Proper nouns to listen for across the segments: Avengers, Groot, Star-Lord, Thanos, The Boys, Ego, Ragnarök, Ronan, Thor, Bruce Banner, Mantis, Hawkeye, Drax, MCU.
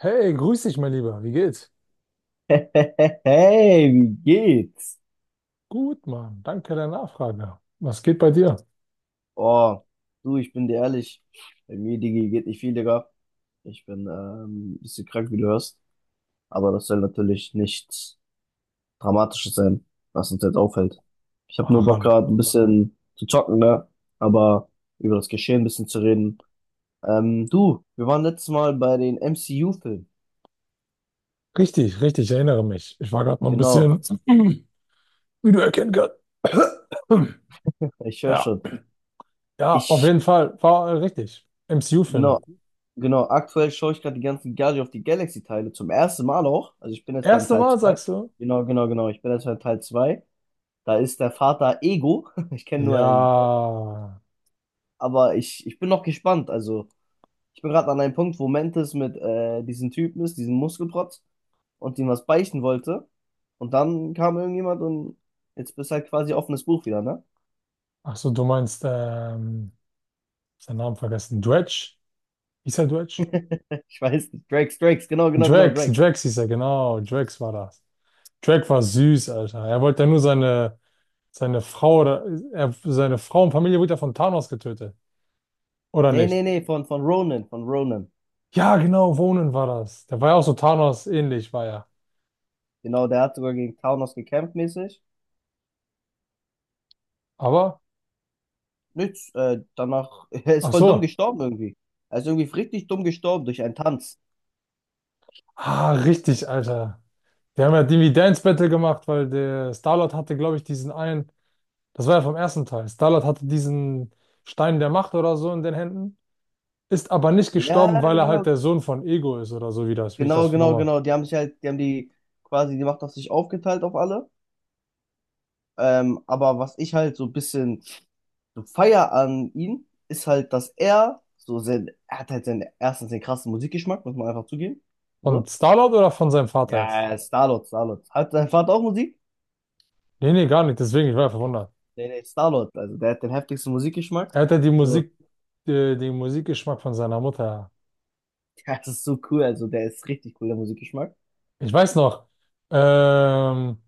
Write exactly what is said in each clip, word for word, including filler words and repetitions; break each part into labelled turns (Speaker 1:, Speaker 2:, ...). Speaker 1: Hey, grüß dich, mein Lieber. Wie geht's?
Speaker 2: Hey, wie geht's?
Speaker 1: Gut, Mann. Danke der Nachfrage. Was geht bei dir?
Speaker 2: Oh, du, ich bin dir ehrlich, bei mir, Digi, geht nicht viel, Digga. Ich bin ähm, ein bisschen krank, wie du hörst. Aber das soll natürlich nichts Dramatisches sein, was uns jetzt auffällt. Ich habe nur Bock
Speaker 1: Ran.
Speaker 2: gerade ein bisschen zu zocken, ne? Aber über das Geschehen ein bisschen zu reden. Ähm, du, wir waren letztes Mal bei den M C U-Filmen.
Speaker 1: Richtig, richtig. Ich erinnere mich. Ich war gerade noch ein
Speaker 2: Genau,
Speaker 1: bisschen, wie du erkennen kannst.
Speaker 2: ich höre
Speaker 1: Ja,
Speaker 2: schon.
Speaker 1: ja, auf
Speaker 2: Ich,
Speaker 1: jeden Fall. War äh, richtig. M C U-Filme.
Speaker 2: genau, Genau, aktuell schaue ich gerade die ganzen Guardians of the Galaxy-Teile zum ersten Mal auch. Also ich bin jetzt beim
Speaker 1: Erste
Speaker 2: Teil
Speaker 1: Mal,
Speaker 2: zwei.
Speaker 1: sagst du?
Speaker 2: Genau, genau, genau. Ich bin jetzt beim Teil zwei. Da ist der Vater Ego. Ich kenne nur einen.
Speaker 1: Ja.
Speaker 2: Aber ich, ich bin noch gespannt. Also ich bin gerade an einem Punkt, wo Mantis mit äh, diesem Typen ist, diesem Muskelprotz, und ihm was beichten wollte. Und dann kam irgendjemand und jetzt bist halt quasi offenes Buch wieder, ne?
Speaker 1: Ach so, du meinst, ähm, seinen Namen vergessen. Dredge? Hieß er Dredge?
Speaker 2: Ich weiß nicht. Drax, Drax, genau, genau, genau,
Speaker 1: Drax,
Speaker 2: Drax.
Speaker 1: Drax hieß er, genau. Drax war das. Drax war süß, Alter. Er wollte ja nur seine Seine Frau oder er, seine Frau und Familie wurde ja von Thanos getötet. Oder
Speaker 2: Nee,
Speaker 1: nicht?
Speaker 2: nee, nee, von, von Ronan, von Ronan.
Speaker 1: Ja, genau, Ronan war das. Der war ja auch so Thanos ähnlich, war ja.
Speaker 2: Genau, der hat sogar gegen Thanos gekämpft mäßig.
Speaker 1: Aber,
Speaker 2: Nichts. Äh, danach, er ist
Speaker 1: ach
Speaker 2: voll dumm
Speaker 1: so.
Speaker 2: gestorben irgendwie. Er ist irgendwie richtig dumm gestorben durch einen Tanz.
Speaker 1: Ah, richtig, Alter. Die haben ja irgendwie Dance Battle gemacht, weil der Star-Lord hatte, glaube ich, diesen einen, das war ja vom ersten Teil. Star-Lord hatte diesen Stein der Macht oder so in den Händen, ist aber nicht gestorben,
Speaker 2: Ja,
Speaker 1: weil er halt der
Speaker 2: genau,
Speaker 1: Sohn von Ego ist oder so, wie das, wie ich
Speaker 2: genau,
Speaker 1: das
Speaker 2: genau,
Speaker 1: nochmal.
Speaker 2: genau. Die haben sich halt, die haben die quasi die Macht auf sich aufgeteilt auf alle. Ähm, aber was ich halt so ein bisschen so feier an ihm, ist halt, dass er so sein, er hat halt seinen, erstens den krassen Musikgeschmack, muss man einfach zugeben.
Speaker 1: Von
Speaker 2: So.
Speaker 1: Star-Lord oder von seinem Vater jetzt?
Speaker 2: Ja, Star-Lord, Star-Lord. Hat dein Vater auch Musik?
Speaker 1: Nee, nee, gar nicht, deswegen, ich war ja verwundert.
Speaker 2: Nee, nee, Star-Lord. Also der hat den heftigsten Musikgeschmack.
Speaker 1: Er hat ja die
Speaker 2: So,
Speaker 1: Musik, äh, den Musikgeschmack von seiner Mutter.
Speaker 2: das ist so cool. Also der ist richtig cool, der Musikgeschmack.
Speaker 1: Ich weiß noch, ähm,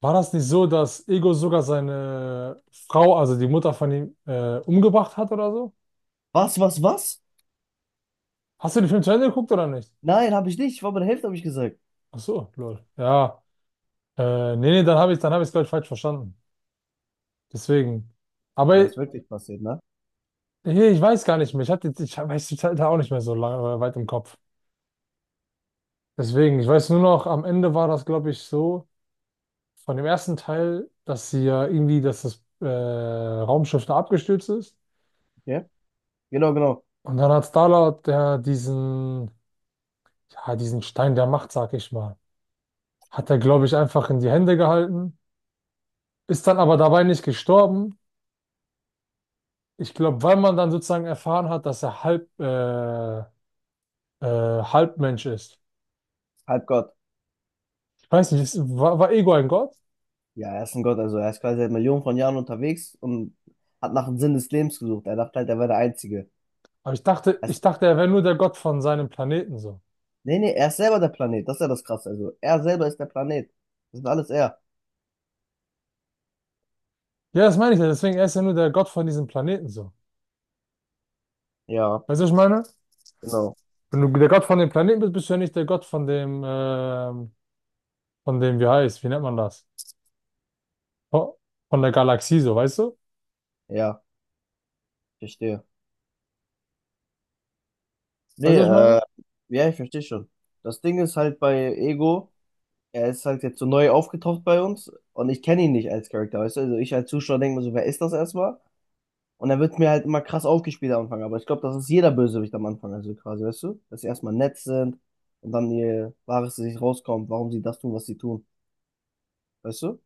Speaker 1: war das nicht so, dass Ego sogar seine Frau, also die Mutter von ihm, äh, umgebracht hat oder so?
Speaker 2: Was, was, was?
Speaker 1: Hast du den Film zu Ende geguckt oder nicht?
Speaker 2: Nein, habe ich nicht. Ich war bei der Hälfte, habe ich gesagt.
Speaker 1: Ach so, lol. Ja, äh, nee, nee, dann habe ich, dann habe ich es, glaube ich, falsch verstanden. Deswegen.
Speaker 2: Und
Speaker 1: Aber
Speaker 2: das ist wirklich passiert, ne?
Speaker 1: hier, ich weiß gar nicht mehr. Ich hatte, ich weiß die Zeit da auch nicht mehr so lange, weit im Kopf. Deswegen, ich weiß nur noch, am Ende war das, glaube ich, so. Von dem ersten Teil, dass sie ja irgendwie, dass das äh, Raumschiff da abgestürzt ist.
Speaker 2: Okay. Genau, genau.
Speaker 1: Und dann hat Star-Lord der diesen, ja, diesen Stein der Macht, sag ich mal, hat er, glaube ich, einfach in die Hände gehalten, ist dann aber dabei nicht gestorben. Ich glaube, weil man dann sozusagen erfahren hat, dass er halb, äh, äh, Halbmensch ist.
Speaker 2: Halbgott.
Speaker 1: Ich weiß nicht, ist, war, war Ego ein Gott?
Speaker 2: Ja, er ist ein Gott. Also er ist quasi seit Millionen von Jahren unterwegs und hat nach dem Sinn des Lebens gesucht. Er dachte halt, er wäre der Einzige.
Speaker 1: Aber ich dachte,
Speaker 2: Er
Speaker 1: ich
Speaker 2: ist,
Speaker 1: dachte, er wäre nur der Gott von seinem Planeten so.
Speaker 2: nee, nee, er ist selber der Planet. Das ist ja das Krasse. Also er selber ist der Planet. Das ist alles er.
Speaker 1: Ja, das meine ich ja, deswegen, er ist ja nur der Gott von diesem Planeten so.
Speaker 2: Ja,
Speaker 1: Weißt du, was ich meine?
Speaker 2: genau.
Speaker 1: Wenn du der Gott von dem Planeten bist, bist du ja nicht der Gott von dem, ähm, von dem, wie heißt, wie nennt man das? Von von der Galaxie, so, weißt du?
Speaker 2: Ja, verstehe.
Speaker 1: Weißt
Speaker 2: Nee,
Speaker 1: du, was ich
Speaker 2: äh,
Speaker 1: meine?
Speaker 2: ja, ich verstehe schon. Das Ding ist halt bei Ego, er ist halt jetzt so neu aufgetaucht bei uns und ich kenne ihn nicht als Charakter, weißt du? Also ich als Zuschauer denke mir so, wer ist das erstmal? Und dann wird mir halt immer krass aufgespielt am Anfang. Aber ich glaube, das ist jeder Bösewicht am Anfang. Also quasi, weißt du? Dass sie erstmal nett sind und dann ihr wahres Gesicht rauskommt, warum sie das tun, was sie tun. Weißt du?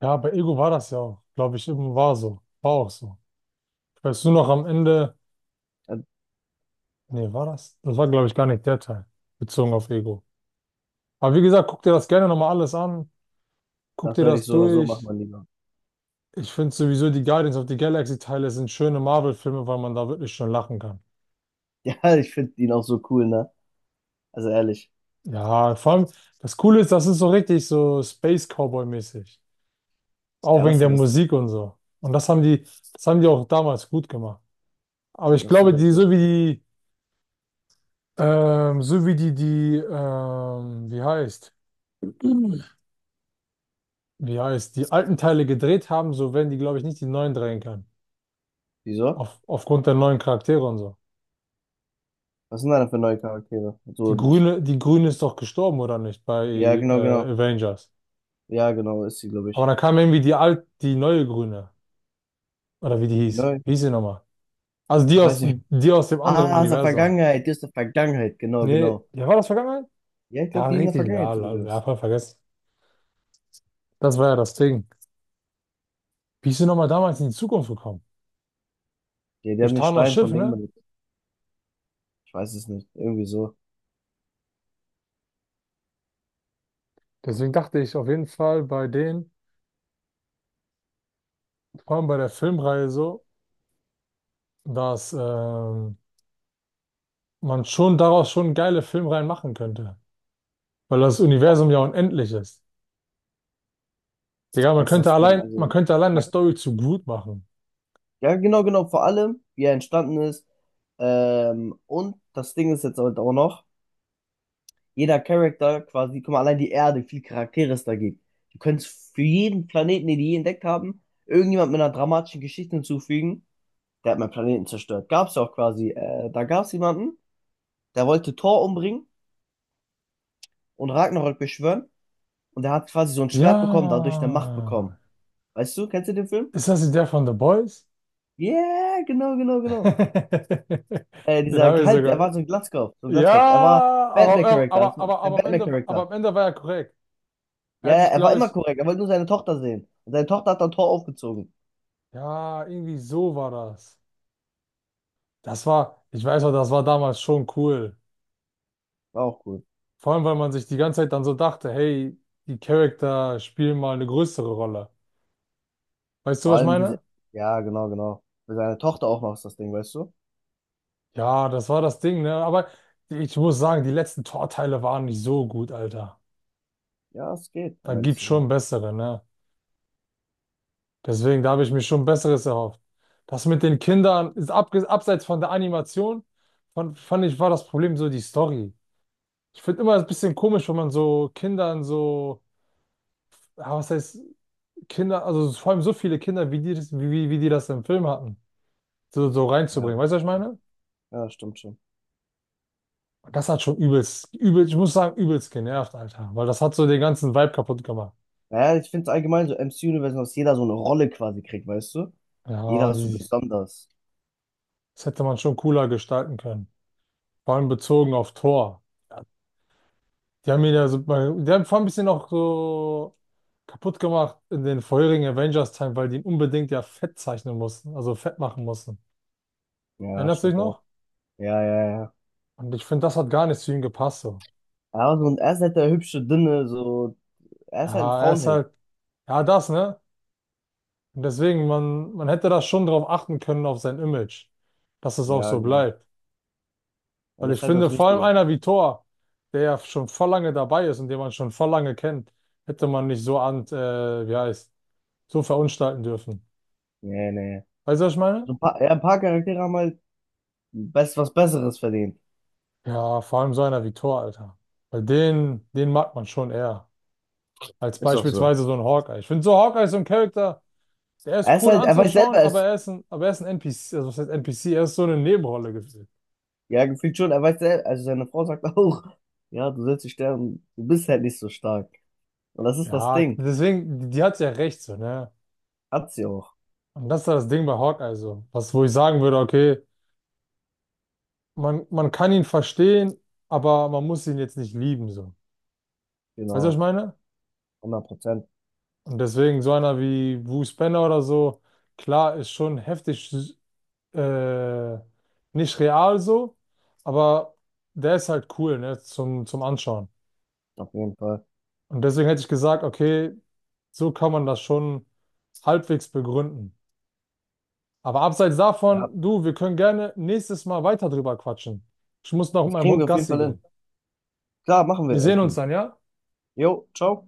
Speaker 1: Ja, bei Ego war das ja auch, glaube ich, eben war so. War auch so. Weißt du noch am Ende,
Speaker 2: Ja,
Speaker 1: nee, war das? Das war, glaube ich, gar nicht der Teil, bezogen auf Ego. Aber wie gesagt, guck dir das gerne nochmal alles an. Guck
Speaker 2: das
Speaker 1: dir
Speaker 2: werde ich
Speaker 1: das
Speaker 2: so oder so machen,
Speaker 1: durch.
Speaker 2: mein Lieber.
Speaker 1: Ich finde sowieso die Guardians of the Galaxy-Teile sind schöne Marvel-Filme, weil man da wirklich schon lachen kann.
Speaker 2: Ja, ich finde ihn auch so cool, ne? Also ehrlich.
Speaker 1: Ja, vor allem, das Coole ist, das ist so richtig so Space Cowboy-mäßig. Auch
Speaker 2: Ja, das
Speaker 1: wegen
Speaker 2: ist ja
Speaker 1: der
Speaker 2: das Ding.
Speaker 1: Musik und so. Und das haben die, das haben die auch damals gut gemacht. Aber ich
Speaker 2: Das so
Speaker 1: glaube,
Speaker 2: oder
Speaker 1: die,
Speaker 2: so.
Speaker 1: so wie die, ähm, so wie die, die, ähm, wie heißt, wie heißt, die alten Teile gedreht haben, so werden die, glaube ich, nicht die neuen drehen können.
Speaker 2: Wieso?
Speaker 1: Auf, aufgrund der neuen Charaktere und so.
Speaker 2: Was sind da denn für neue Charaktere?
Speaker 1: Die
Speaker 2: So, ich,
Speaker 1: Grüne, die Grüne ist doch gestorben, oder nicht, bei
Speaker 2: ja,
Speaker 1: äh,
Speaker 2: genau, genau.
Speaker 1: Avengers.
Speaker 2: Ja, genau, ist sie, glaube
Speaker 1: Aber
Speaker 2: ich.
Speaker 1: dann kam irgendwie die alt, die neue Grüne. Oder wie die hieß.
Speaker 2: Neu.
Speaker 1: Wie hieß sie nochmal? Also die
Speaker 2: Ich weiß
Speaker 1: aus,
Speaker 2: nicht.
Speaker 1: die aus dem anderen
Speaker 2: Ah, aus der
Speaker 1: Universum.
Speaker 2: Vergangenheit. Die ist der Vergangenheit. Genau,
Speaker 1: Nee,
Speaker 2: genau.
Speaker 1: ja, war das vergangenheit?
Speaker 2: Ja, ich
Speaker 1: Ja,
Speaker 2: glaube, die in der
Speaker 1: richtig, ja,
Speaker 2: Vergangenheit
Speaker 1: la-
Speaker 2: sogar
Speaker 1: ja,
Speaker 2: ist.
Speaker 1: voll vergessen. Das war ja das Ding. Wie ist denn nochmal damals in die Zukunft gekommen?
Speaker 2: Ja, die
Speaker 1: Durch
Speaker 2: haben den
Speaker 1: Thanos
Speaker 2: Stein
Speaker 1: Schiff,
Speaker 2: von
Speaker 1: ne?
Speaker 2: Dingman. Ich weiß es nicht. Irgendwie so.
Speaker 1: Deswegen dachte ich auf jeden Fall bei denen, vor allem bei der Filmreihe so, dass ähm, man schon daraus schon geile Filmreihen machen könnte. Weil das Universum ja unendlich ist. Digga, man
Speaker 2: Das ist
Speaker 1: könnte
Speaker 2: das Ding.
Speaker 1: allein, man
Speaker 2: Also,
Speaker 1: könnte allein eine
Speaker 2: man,
Speaker 1: Story zu Groot machen.
Speaker 2: ja, genau, genau. Vor allem, wie er entstanden ist. Ähm, und das Ding ist jetzt halt auch noch, jeder Charakter quasi, guck mal, allein die Erde, wie viele Charaktere es da gibt. Du könntest für jeden Planeten, den die je entdeckt haben, irgendjemand mit einer dramatischen Geschichte hinzufügen. Der hat meinen Planeten zerstört. Gab's ja auch quasi. Äh, da gab es jemanden, der wollte Thor umbringen und Ragnarök beschwören. Und der hat quasi so ein Schwert bekommen, dadurch eine Macht bekommen.
Speaker 1: Ja.
Speaker 2: Weißt du, kennst du den Film?
Speaker 1: Ist das der von The Boys?
Speaker 2: Yeah, genau, genau, genau. Äh,
Speaker 1: Den
Speaker 2: dieser,
Speaker 1: habe ich
Speaker 2: halt, er
Speaker 1: sogar,
Speaker 2: war so ein Glatzkopf, so ein Glatzkopf. Er war
Speaker 1: ja, aber, äh,
Speaker 2: Batman-Charakter, das
Speaker 1: aber,
Speaker 2: war
Speaker 1: aber,
Speaker 2: der
Speaker 1: aber, am Ende, aber
Speaker 2: Batman-Charakter.
Speaker 1: am Ende war er korrekt. Er
Speaker 2: Ja,
Speaker 1: hat
Speaker 2: ja,
Speaker 1: sich,
Speaker 2: er war
Speaker 1: glaube
Speaker 2: immer
Speaker 1: ich,
Speaker 2: korrekt, er wollte nur seine Tochter sehen. Und seine Tochter hat dann Tor aufgezogen.
Speaker 1: ja, irgendwie so war das. Das war, ich weiß noch, das war damals schon cool.
Speaker 2: War auch cool.
Speaker 1: Vor allem, weil man sich die ganze Zeit dann so dachte, hey, die Charakter spielen mal eine größere Rolle. Weißt du,
Speaker 2: Vor
Speaker 1: was ich
Speaker 2: allem, wie sie,
Speaker 1: meine?
Speaker 2: ja, genau, genau. Für seine Tochter auch noch ist das Ding, weißt du?
Speaker 1: Ja, das war das Ding, ne? Aber ich muss sagen, die letzten Torteile waren nicht so gut, Alter.
Speaker 2: Ja, es geht,
Speaker 1: Da
Speaker 2: um ehrlich
Speaker 1: gibt's
Speaker 2: zu sein.
Speaker 1: schon bessere, ne? Deswegen, da habe ich mir schon Besseres erhofft. Das mit den Kindern ist abge abseits von der Animation, fand, fand ich, war das Problem so die Story. Ich finde immer ein bisschen komisch, wenn man so Kindern so, ja, was heißt Kinder, also so, vor allem so viele Kinder, wie die, das- wie, wie wie die das im Film hatten, so, so
Speaker 2: Ja,
Speaker 1: reinzubringen.
Speaker 2: das
Speaker 1: Weißt du, was ich
Speaker 2: stimmt schon.
Speaker 1: meine?
Speaker 2: Ja, das stimmt schon.
Speaker 1: Und das hat schon übelst, übel, ich muss sagen, übelst genervt, Alter, weil das hat so den ganzen Vibe kaputt gemacht.
Speaker 2: Naja, ich finde es allgemein so M C-Universum, dass jeder so eine Rolle quasi kriegt, weißt du?
Speaker 1: Ja,
Speaker 2: Jeder ist so
Speaker 1: die,
Speaker 2: besonders.
Speaker 1: das hätte man schon cooler gestalten können. Vor allem bezogen auf Thor. Ja, die haben ihn da super, die haben vor allem ein bisschen auch so kaputt gemacht in den vorherigen Avengers-Teilen, weil die ihn unbedingt ja fett zeichnen mussten, also fett machen mussten.
Speaker 2: Ja,
Speaker 1: Erinnerst du dich
Speaker 2: stimmt auch.
Speaker 1: noch?
Speaker 2: Ja, ja, ja.
Speaker 1: Und ich finde, das hat gar nicht zu ihm gepasst so.
Speaker 2: Er aber so, ein er ist halt der hübsche, dünne, so, er ist halt ein
Speaker 1: Ja, er ist
Speaker 2: Frauenheld.
Speaker 1: halt, ja, das, ne? Und deswegen, man, man hätte da schon drauf achten können, auf sein Image, dass es auch
Speaker 2: Ja,
Speaker 1: so
Speaker 2: genau.
Speaker 1: bleibt.
Speaker 2: Ja,
Speaker 1: Weil
Speaker 2: das
Speaker 1: ich
Speaker 2: ist halt
Speaker 1: finde,
Speaker 2: das
Speaker 1: vor allem
Speaker 2: Wichtige.
Speaker 1: einer wie Thor, der ja schon voll lange dabei ist und den man schon voll lange kennt, hätte man nicht so an, äh, wie heißt, so verunstalten dürfen.
Speaker 2: Nee, nee.
Speaker 1: Weißt du, was ich meine?
Speaker 2: So ein paar, ja, ein paar Charaktere haben halt best, was Besseres verdient.
Speaker 1: Ja, vor allem so einer wie Thor, Alter. Weil den, den mag man schon eher. Als
Speaker 2: Ist doch so.
Speaker 1: beispielsweise so ein Hawkeye. Ich finde so Hawkeye ist so ein Charakter, der
Speaker 2: Er
Speaker 1: ist
Speaker 2: ist
Speaker 1: cool
Speaker 2: halt, er weiß
Speaker 1: anzuschauen,
Speaker 2: selber,
Speaker 1: aber
Speaker 2: es,
Speaker 1: er ist ein, aber er ist ein N P C, also was heißt N P C, er ist so eine Nebenrolle gefühlt.
Speaker 2: ja, gefühlt schon, er weiß selber, also seine Frau sagt auch, ja, du sollst dich sterben, du bist halt nicht so stark. Und das ist das
Speaker 1: Ja,
Speaker 2: Ding.
Speaker 1: deswegen, die, die hat ja recht so, ne?
Speaker 2: Hat sie auch.
Speaker 1: Und das ist ja das Ding bei Hawkeye so. Was, wo ich sagen würde, okay, man, man kann ihn verstehen, aber man muss ihn jetzt nicht lieben, so. Weißt du, was ich
Speaker 2: Genau.
Speaker 1: meine?
Speaker 2: Hundert Prozent.
Speaker 1: Und deswegen so einer wie Bruce Banner oder so, klar, ist schon heftig, äh, nicht real so, aber der ist halt cool, ne, zum, zum Anschauen.
Speaker 2: Auf jeden Fall.
Speaker 1: Und deswegen hätte ich gesagt, okay, so kann man das schon halbwegs begründen. Aber abseits
Speaker 2: Ja,
Speaker 1: davon, du, wir können gerne nächstes Mal weiter drüber quatschen. Ich muss noch mit
Speaker 2: das
Speaker 1: meinem
Speaker 2: kriegen
Speaker 1: Hund
Speaker 2: wir auf jeden
Speaker 1: Gassi
Speaker 2: Fall hin.
Speaker 1: gehen.
Speaker 2: Klar, machen
Speaker 1: Wir
Speaker 2: wir,
Speaker 1: sehen uns
Speaker 2: Edgin.
Speaker 1: dann, ja?
Speaker 2: Jo, ciao.